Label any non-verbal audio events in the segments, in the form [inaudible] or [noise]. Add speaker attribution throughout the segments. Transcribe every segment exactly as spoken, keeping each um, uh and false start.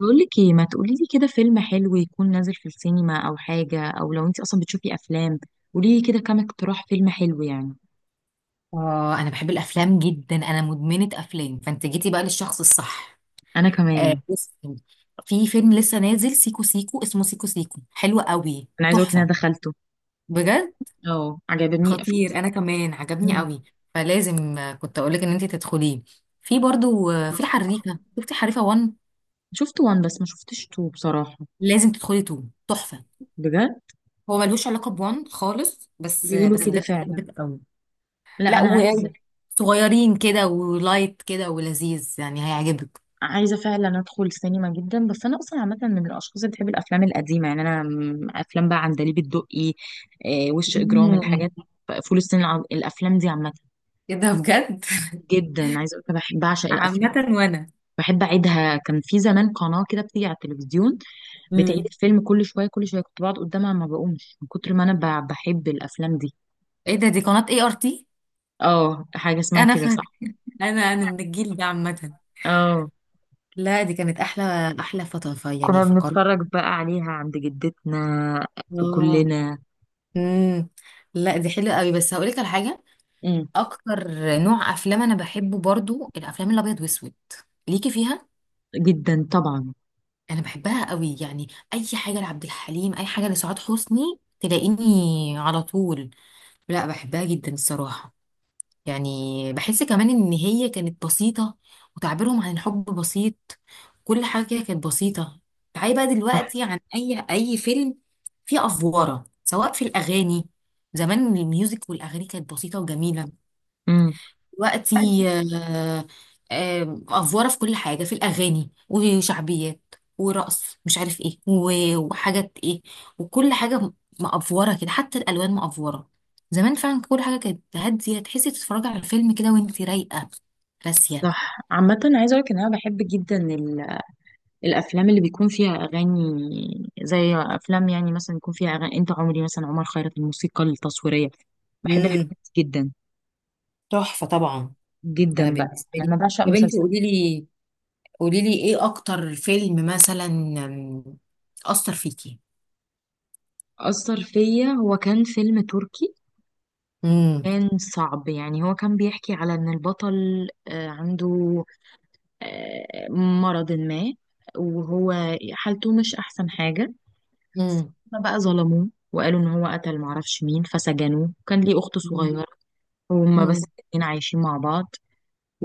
Speaker 1: بقولك ايه، ما تقولي لي كده فيلم حلو يكون نازل في السينما او حاجة، او لو انت اصلا بتشوفي افلام؟ قولي لي كده كام اقتراح فيلم حلو يعني.
Speaker 2: اه، انا بحب الافلام جدا. انا مدمنه افلام، فانت جيتي بقى للشخص الصح.
Speaker 1: انا
Speaker 2: آه،
Speaker 1: كمان.
Speaker 2: بصي. في فيلم لسه نازل سيكو سيكو، اسمه سيكو سيكو، حلو قوي،
Speaker 1: انا عايزه اقولك ان انا
Speaker 2: تحفه.
Speaker 1: دخلته.
Speaker 2: بجد.
Speaker 1: اه، عجبني [laughs] في.
Speaker 2: خطير، انا كمان عجبني
Speaker 1: مم.
Speaker 2: قوي. فلازم، آه، كنت اقول لك ان انت تدخليه. في برضو، آه، في الحريفه، شفتي حريفه واحد؟
Speaker 1: شفت وان بس ما شفتش تو بصراحة.
Speaker 2: لازم تدخلي اتنين، تحفه.
Speaker 1: بجد.
Speaker 2: هو ملوش علاقه ب واحد خالص، بس آه،
Speaker 1: بيقولوا
Speaker 2: بس
Speaker 1: كده
Speaker 2: بجد
Speaker 1: فعلا.
Speaker 2: بحبك قوي.
Speaker 1: لا
Speaker 2: لا،
Speaker 1: انا عايزة
Speaker 2: وصغيرين كده ولايت كده ولذيذ يعني هيعجبك.
Speaker 1: عايزة فعلا ادخل السينما جدا، بس انا اصلا عامة من الاشخاص اللي بتحب الافلام القديمة. يعني انا م- افلام بقى عندليب الدقي، آه، وش اجرام، الحاجات، فول الصين، الع- الافلام دي عامة
Speaker 2: ايه ده؟ بجد.
Speaker 1: جدا. عايزه اقول لك انا بحب بعشق
Speaker 2: [laughs]
Speaker 1: الافلام.
Speaker 2: عامة، وانا.
Speaker 1: بحب اعيدها، كان في زمان قناه كده بتيجي على التلفزيون بتعيد
Speaker 2: امم.
Speaker 1: الفيلم كل شويه كل شويه، كنت بقعد قدامها ما بقومش من كتر ما انا ب- بحب الافلام دي.
Speaker 2: ايه ده؟ دي قناة اي ار تي.
Speaker 1: اه، حاجه اسمها
Speaker 2: انا ف...
Speaker 1: كده صح.
Speaker 2: انا انا من الجيل ده عامة.
Speaker 1: اه.
Speaker 2: لا، دي كانت احلى. احلى فتره، ف- يعني
Speaker 1: كنا
Speaker 2: فقرت.
Speaker 1: بنتفرج بقى عليها عند جدتنا
Speaker 2: اه.
Speaker 1: كلنا.
Speaker 2: امم. لا، دي حلوه قوي، بس هقول لك على حاجه
Speaker 1: امم.
Speaker 2: اكتر. نوع افلام انا بحبه برضو الافلام الابيض واسود. ليكي فيها.
Speaker 1: جدا طبعا.
Speaker 2: انا بحبها قوي يعني. اي حاجه لعبد الحليم، اي حاجه لسعاد حسني تلاقيني على طول. لا، بحبها جدا الصراحه. يعني بحس كمان ان هي كانت بسيطة، وتعبيرهم عن الحب بسيط، كل حاجة كده كانت بسيطة. تعالي بقى
Speaker 1: صح.
Speaker 2: دلوقتي، عن اي اي فيلم فيه افوارة، سواء في الاغاني. زمان الميوزك والاغاني كانت بسيطة وجميلة.
Speaker 1: امم.
Speaker 2: دلوقتي آه، آه، افوره في كل حاجه، في الاغاني وشعبيات ورقص مش عارف ايه و- وحاجات ايه وكل حاجه. مأفوره كده، حتى الالوان مأفوره. زمان فعلا كل حاجه كانت هاديه، تحسي تتفرجي على فيلم كده وانت رايقه، راسيه.
Speaker 1: صح، عامة عايزة اقولك ان انا بحب جدا الافلام اللي بيكون فيها اغاني. زي افلام يعني مثلا يكون فيها اغاني انت عمري، مثلا عمر خيرت الموسيقى التصويريه. بحب الحاجات
Speaker 2: امم.
Speaker 1: دي جدا.
Speaker 2: تحفة طبعا. انا
Speaker 1: جدا بقى،
Speaker 2: بالنسبة
Speaker 1: يعني
Speaker 2: لي،
Speaker 1: انا بعشق
Speaker 2: يا بنتي
Speaker 1: مسلسل.
Speaker 2: قولي لي قولي لي ايه اكتر فيلم مثلا أم، اثر فيكي.
Speaker 1: اثر فيا هو كان فيلم تركي،
Speaker 2: امم.
Speaker 1: كان صعب. يعني هو كان بيحكي على ان البطل آه، عنده آه، مرض ما، وهو حالته مش احسن حاجه.
Speaker 2: امم.
Speaker 1: هما بقى ظلموه وقالوا ان هو قتل معرفش مين، فسجنوه. كان ليه اخت صغيره وهما بس الاتنين عايشين مع بعض.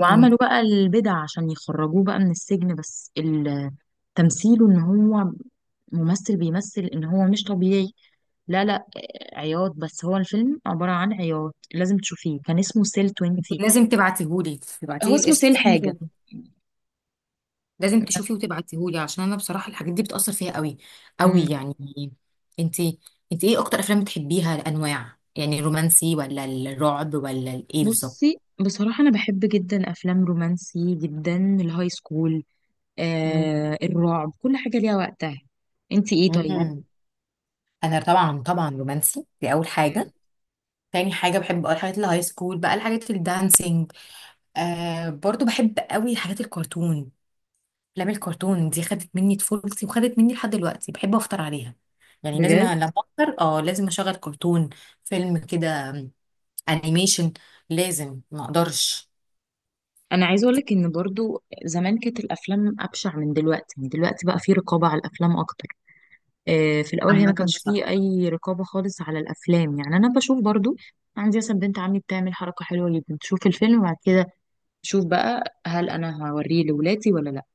Speaker 2: امم.
Speaker 1: بقى البدع عشان يخرجوه بقى من السجن، بس ال- تمثيله ان هو ممثل بيمثل ان هو مش طبيعي. لا لا، آه، عياط. بس هو الفيلم عبارة عن عياط، لازم تشوفيه. كان اسمه سيل عشرين.
Speaker 2: انت لازم تبعتيهولي،
Speaker 1: هو
Speaker 2: تبعتيلي
Speaker 1: اسمه
Speaker 2: الاسم.
Speaker 1: سيل حاجة.
Speaker 2: لازم تشوفي وتبعتيهولي، عشان انا بصراحه الحاجات دي بتاثر فيها قوي
Speaker 1: مم.
Speaker 2: قوي يعني. انت انت ايه اكتر افلام بتحبيها، الانواع يعني الرومانسي ولا الرعب ولا الايه بالظبط؟
Speaker 1: بصي بصراحة، أنا بحب جدا أفلام رومانسي، جدا الهاي سكول.
Speaker 2: مم.
Speaker 1: آه الرعب كل حاجة ليها وقتها. انتي ايه طيب؟
Speaker 2: مم. انا طبعا طبعا، رومانسي دي اول
Speaker 1: مم.
Speaker 2: حاجه. تاني حاجه بحب بقى الحاجات الهاي سكول، بقى الحاجات الدانسينج. آه، برضو بحب قوي حاجات الكرتون. افلام الكرتون دي خدت مني طفولتي، وخدت مني لحد دلوقتي بحب افطر عليها. يعني لازم، أ-
Speaker 1: بجد؟
Speaker 2: لما افطر اه لازم اشغل كرتون. فيلم كده، م، انيميشن، لازم ما اقدرش.
Speaker 1: انا عايزه اقول لك ان برضو زمان كانت الافلام ابشع من دلوقتي. يعني دلوقتي بقى في رقابه على الافلام اكتر. آه، في الاول هي ما
Speaker 2: عامة
Speaker 1: كانش فيه
Speaker 2: صح.
Speaker 1: اي رقابه خالص على الافلام. يعني انا بشوف برضو عندي مثلا بنت عمي بتعمل حركه حلوه جدا، تشوف الفيلم وبعد كده تشوف بقى هل انا هوريه لولادي ولا لا.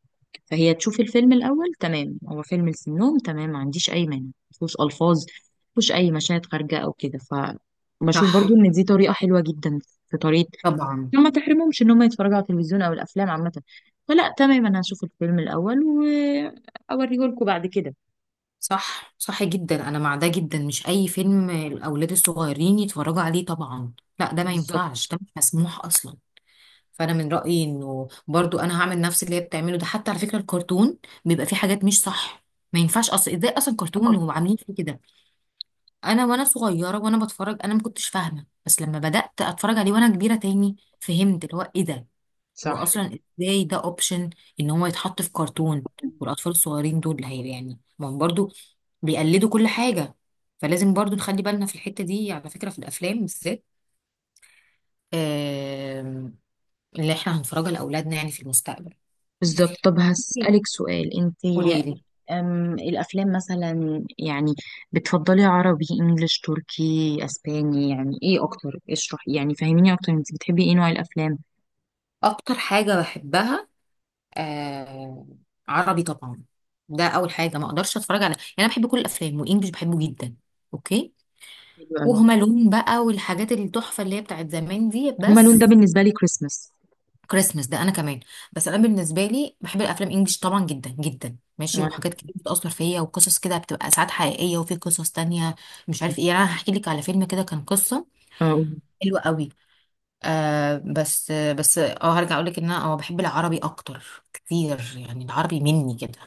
Speaker 1: فهي تشوف الفيلم الاول، تمام هو فيلم لسنهم، تمام ما عنديش اي مانع، مفيهوش الفاظ، مفيهوش اي مشاهد خارجه او كده. فبشوف
Speaker 2: صح
Speaker 1: برضو ان دي طريقه حلوه جدا. في طريقه
Speaker 2: طبعا.
Speaker 1: عشان ما تحرمهمش ان هم يتفرجوا على التلفزيون او الافلام عامه. فلا، تمام، انا هشوف الفيلم الاول واوريه لكم بعد كده.
Speaker 2: صح صح جدا. انا مع ده جدا، مش اي فيلم الاولاد الصغيرين يتفرجوا عليه طبعا. لا، ده ما
Speaker 1: بالظبط.
Speaker 2: ينفعش، ده مش مسموح اصلا. فانا من رايي انه برضو انا هعمل نفس اللي هي بتعمله ده، حتى على فكره الكرتون بيبقى فيه حاجات مش صح. ما ينفعش اصلا، ازاي اصلا كرتون وعاملين فيه كده. انا وانا صغيره وانا بتفرج انا ما كنتش فاهمه، بس لما بدات اتفرج عليه وانا كبيره تاني فهمت اللي هو ايه ده. هو
Speaker 1: صح.
Speaker 2: اصلا ازاي ده اوبشن، ان هو يتحط في كرتون، والاطفال الصغيرين دول اللي هي يعني ما هم برضو بيقلدوا كل حاجه. فلازم برضو نخلي بالنا في الحته دي، على فكره في الافلام بالذات، آم، اللي احنا هنفرجها لاولادنا يعني في المستقبل.
Speaker 1: بالظبط. طب هسألك سؤال انت.
Speaker 2: قولي لي.
Speaker 1: أم الافلام مثلا يعني بتفضلي عربي، انجليش، تركي، اسباني؟ يعني ايه اكتر؟ اشرحي، يعني فهميني اكتر انت بتحبي ايه نوع الافلام؟
Speaker 2: اكتر حاجه بحبها، آه عربي طبعا. ده اول حاجه، ما اقدرش اتفرج على، يعني انا بحب كل الافلام، وانجلش بحبه جدا. اوكي.
Speaker 1: حلو قوي.
Speaker 2: وهما لون بقى، والحاجات التحفه اللي هي بتاعت زمان دي،
Speaker 1: هما لون ده
Speaker 2: بس.
Speaker 1: بالنسبه لي كريسمس.
Speaker 2: كريسمس ده انا كمان. بس انا بالنسبه لي بحب الافلام انجلش طبعا جدا جدا، ماشي،
Speaker 1: وانا.
Speaker 2: وحاجات كتير بتاثر فيا، وقصص كده بتبقى ساعات حقيقيه، وفي قصص تانية مش عارف ايه. يعني انا هحكي لك على فيلم كده، كان قصه
Speaker 1: اه.
Speaker 2: حلوه قوي. آه بس بس اه هرجع اقول لك ان انا اه بحب العربي اكتر كتير، يعني العربي مني كده.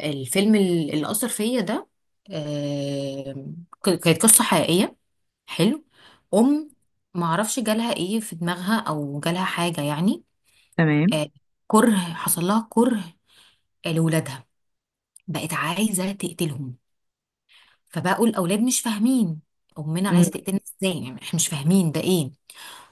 Speaker 2: الفيلم ال- اللي أثر فيا ده، آم، ك- كانت قصة حقيقية. حلو. أم معرفش جالها إيه في دماغها، أو جالها حاجة يعني،
Speaker 1: تمام.
Speaker 2: آه، كره. حصل لها كره لولادها، بقت عايزة تقتلهم. فبقوا الأولاد مش فاهمين، أمنا
Speaker 1: امم.
Speaker 2: عايزة تقتلنا إزاي، يعني إحنا مش فاهمين ده إيه.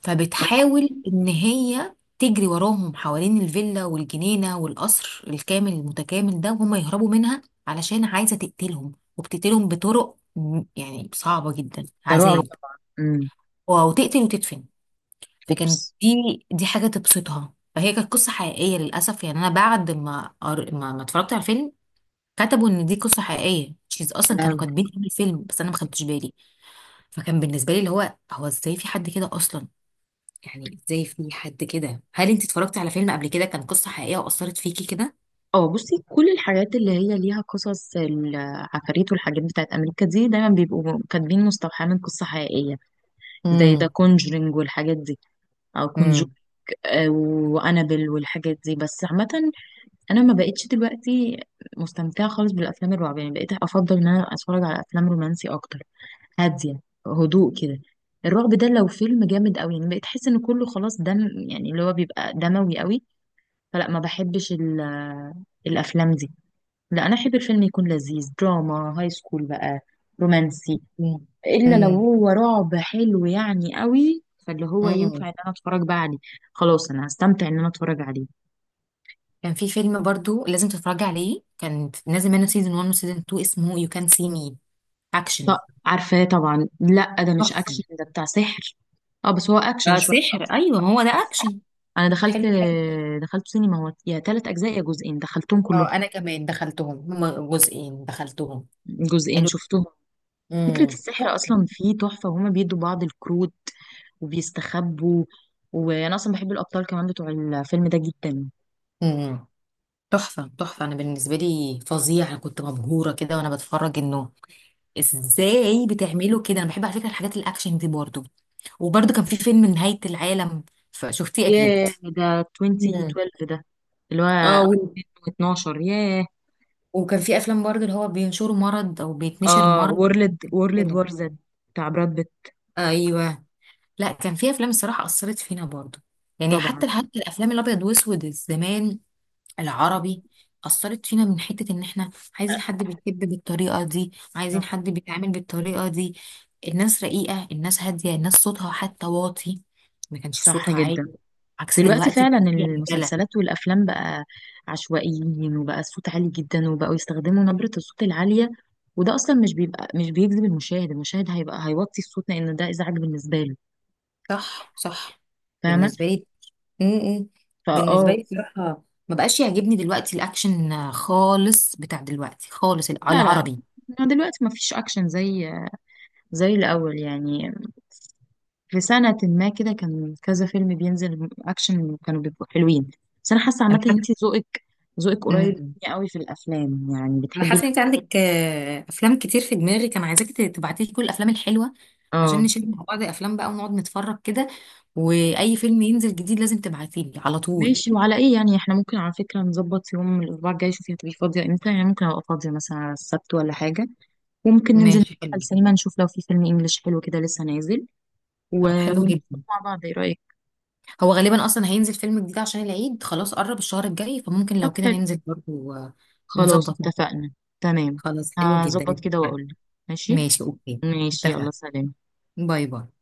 Speaker 2: فبتحاول ان هي تجري وراهم حوالين الفيلا والجنينة والقصر الكامل المتكامل ده، وهم يهربوا منها، علشان عايزة تقتلهم. وبتقتلهم بطرق م- يعني صعبة جدا،
Speaker 1: ده رعب
Speaker 2: عذاب،
Speaker 1: طبعا. امم.
Speaker 2: او تقتل وتدفن. فكانت
Speaker 1: اوبس.
Speaker 2: دي دي حاجة تبسطها. فهي كانت قصة حقيقية للأسف. يعني أنا بعد ما قر- ما, ما اتفرجت على الفيلم، كتبوا إن دي قصة حقيقية. شيز أصلا
Speaker 1: يا
Speaker 2: كانوا
Speaker 1: لهوي.
Speaker 2: كاتبين في الفيلم، بس أنا ما خدتش بالي. فكان بالنسبة لي اللي هو هو إزاي في حد كده أصلا، يعني ازاي في حد كده. هل انت اتفرجتي على فيلم قبل كده كان قصة حقيقية وأثرت فيكي كده؟
Speaker 1: اه، بصي كل الحاجات اللي هي ليها قصص العفاريت والحاجات بتاعت امريكا دي دايما بيبقوا كاتبين مستوحاه من قصه حقيقيه، زي ذا
Speaker 2: امم.
Speaker 1: كونجرينج والحاجات دي، او كونجور
Speaker 2: امم.
Speaker 1: وانابل والحاجات دي. بس عامه انا ما بقتش دلوقتي مستمتعه خالص بالافلام الرعب. يعني بقيت افضل ان انا اتفرج على افلام رومانسي اكتر، هاديه، هدوء كده. الرعب ده لو فيلم جامد قوي يعني بقيت احس ان كله خلاص دم، يعني اللي هو بيبقى دموي قوي. فلا ما بحبش ال- الافلام دي. لا انا احب الفيلم يكون لذيذ، دراما، هاي سكول بقى، رومانسي. الا لو
Speaker 2: امم.
Speaker 1: هو رعب حلو يعني قوي فاللي هو ينفع
Speaker 2: امم.
Speaker 1: ان انا اتفرج بقى عليه. خلاص انا هستمتع ان انا اتفرج عليه.
Speaker 2: كان في فيلم برضو لازم تتفرجي عليه، كان نازل منه سيزون واحد وسيزون اتنين، اسمه يو كان سي مي،
Speaker 1: طب.
Speaker 2: اكشن.
Speaker 1: عارفاه طبعا. لا ده مش
Speaker 2: تحفة.
Speaker 1: اكشن، ده بتاع سحر. اه بس هو اكشن
Speaker 2: آه،
Speaker 1: شويه.
Speaker 2: سحر، ايوه هو ده اكشن.
Speaker 1: انا
Speaker 2: حلو
Speaker 1: دخلت.
Speaker 2: جدا.
Speaker 1: دخلت سينما، هو يا ثلاث اجزاء يا جزئين، دخلتهم كلهم.
Speaker 2: اه، انا كمان دخلتهم، هما جزئين دخلتهم.
Speaker 1: جزئين
Speaker 2: حلو.
Speaker 1: شفتهم. فكره
Speaker 2: امم.
Speaker 1: السحر
Speaker 2: تحفة.
Speaker 1: اصلا فيه تحفه، وهما بيدوا بعض الكروت وبيستخبوا. وانا اصلا بحب الابطال كمان بتوع الفيلم ده جدا.
Speaker 2: امم. تحفة تحفة. انا بالنسبة لي فظيع، انا كنت مبهورة كده وانا بتفرج انه ازاي بتعملوا كده. انا بحب على فكره الحاجات الاكشن دي برضو. وبرضو كان في فيلم نهايه العالم، فشفتيه اكيد؟
Speaker 1: ياه، ده
Speaker 2: مم.
Speaker 1: ألفين واتناشر ده، اللي هو
Speaker 2: اه، و-
Speaker 1: ألفين واتناشر، ياه.
Speaker 2: وكان في افلام برضو اللي هو بينشروا مرض او بيتنشر
Speaker 1: اه،
Speaker 2: مرض
Speaker 1: وورلد
Speaker 2: في
Speaker 1: وورلد
Speaker 2: الفيلم.
Speaker 1: وار زد بتاع براد بيت.
Speaker 2: ايوه. لا، كان في افلام الصراحه اثرت فينا برضو، يعني
Speaker 1: طبعا.
Speaker 2: حتى حتى الافلام الابيض واسود زمان، العربي، أثرت فينا من حتة إن إحنا عايزين حد بيحب بالطريقة دي، عايزين
Speaker 1: صح
Speaker 2: حد بيتعامل بالطريقة دي. الناس رقيقة، الناس هادية، الناس صوتها حتى واطي، ما كانش
Speaker 1: صح
Speaker 2: صوتها عالي،
Speaker 1: جدا.
Speaker 2: عكس
Speaker 1: دلوقتي
Speaker 2: دلوقتي.
Speaker 1: فعلا
Speaker 2: فيها رجالة.
Speaker 1: المسلسلات والافلام بقى عشوائيين، وبقى الصوت عالي جدا، وبقوا يستخدموا نبرة الصوت العالية. وده اصلا مش بيبقى، مش بيجذب المشاهد. المشاهد هيبقى هيوطي الصوت لان ده ازعاج بالنسبة له.
Speaker 2: صح صح
Speaker 1: فاهمة.
Speaker 2: بالنسبة لي. م-م. بالنسبة
Speaker 1: فاه.
Speaker 2: لي بصراحة ما بقاش يعجبني دلوقتي الأكشن خالص بتاع دلوقتي خالص،
Speaker 1: لا لا،
Speaker 2: العربي.
Speaker 1: دلوقتي ما فيش اكشن زي زي الاول يعني. في سنة ما كده كان كذا فيلم بينزل أكشن، كانوا بيبقوا حلوين. بس أنا حاسة عامة إن
Speaker 2: أنا
Speaker 1: أنتي ذوقك ذوقك قريب
Speaker 2: حاسة،
Speaker 1: مني قوي في الأفلام. يعني
Speaker 2: انا
Speaker 1: بتحبي
Speaker 2: حاسه
Speaker 1: ال-
Speaker 2: ان انت عندك، آه، افلام كتير في دماغي كان عايزاك تبعتي لي كل الافلام الحلوه، عشان
Speaker 1: اه،
Speaker 2: نشيل مع بعض افلام بقى ونقعد نتفرج كده. واي فيلم ينزل جديد لازم تبعتي لي على طول.
Speaker 1: ماشي. وعلى إيه يعني إحنا ممكن على فكرة نظبط يوم من الأسبوع الجاي؟ شوفي هتبقي فاضية إمتى؟ يعني ممكن أبقى فاضية مثلا على السبت ولا حاجة، وممكن ننزل
Speaker 2: ماشي
Speaker 1: على
Speaker 2: حلو.
Speaker 1: السينما نشوف لو في فيلم إنجليش حلو كده لسه نازل و
Speaker 2: طب حلو
Speaker 1: ونشوف
Speaker 2: جدا.
Speaker 1: مع بعض، إيه رأيك؟
Speaker 2: هو غالبا اصلا هينزل فيلم جديد عشان العيد، خلاص قرب الشهر الجاي، فممكن
Speaker 1: طب
Speaker 2: لو كده
Speaker 1: حلو،
Speaker 2: ننزل برضه آه،
Speaker 1: خلاص
Speaker 2: نظبط مع بعض.
Speaker 1: اتفقنا. تمام.
Speaker 2: خلاص حلو
Speaker 1: هظبط
Speaker 2: جدا.
Speaker 1: كده وأقولك. ماشي.
Speaker 2: ماشي اوكي.
Speaker 1: ماشي، يلا
Speaker 2: اتفقنا.
Speaker 1: سلام.
Speaker 2: باي باي.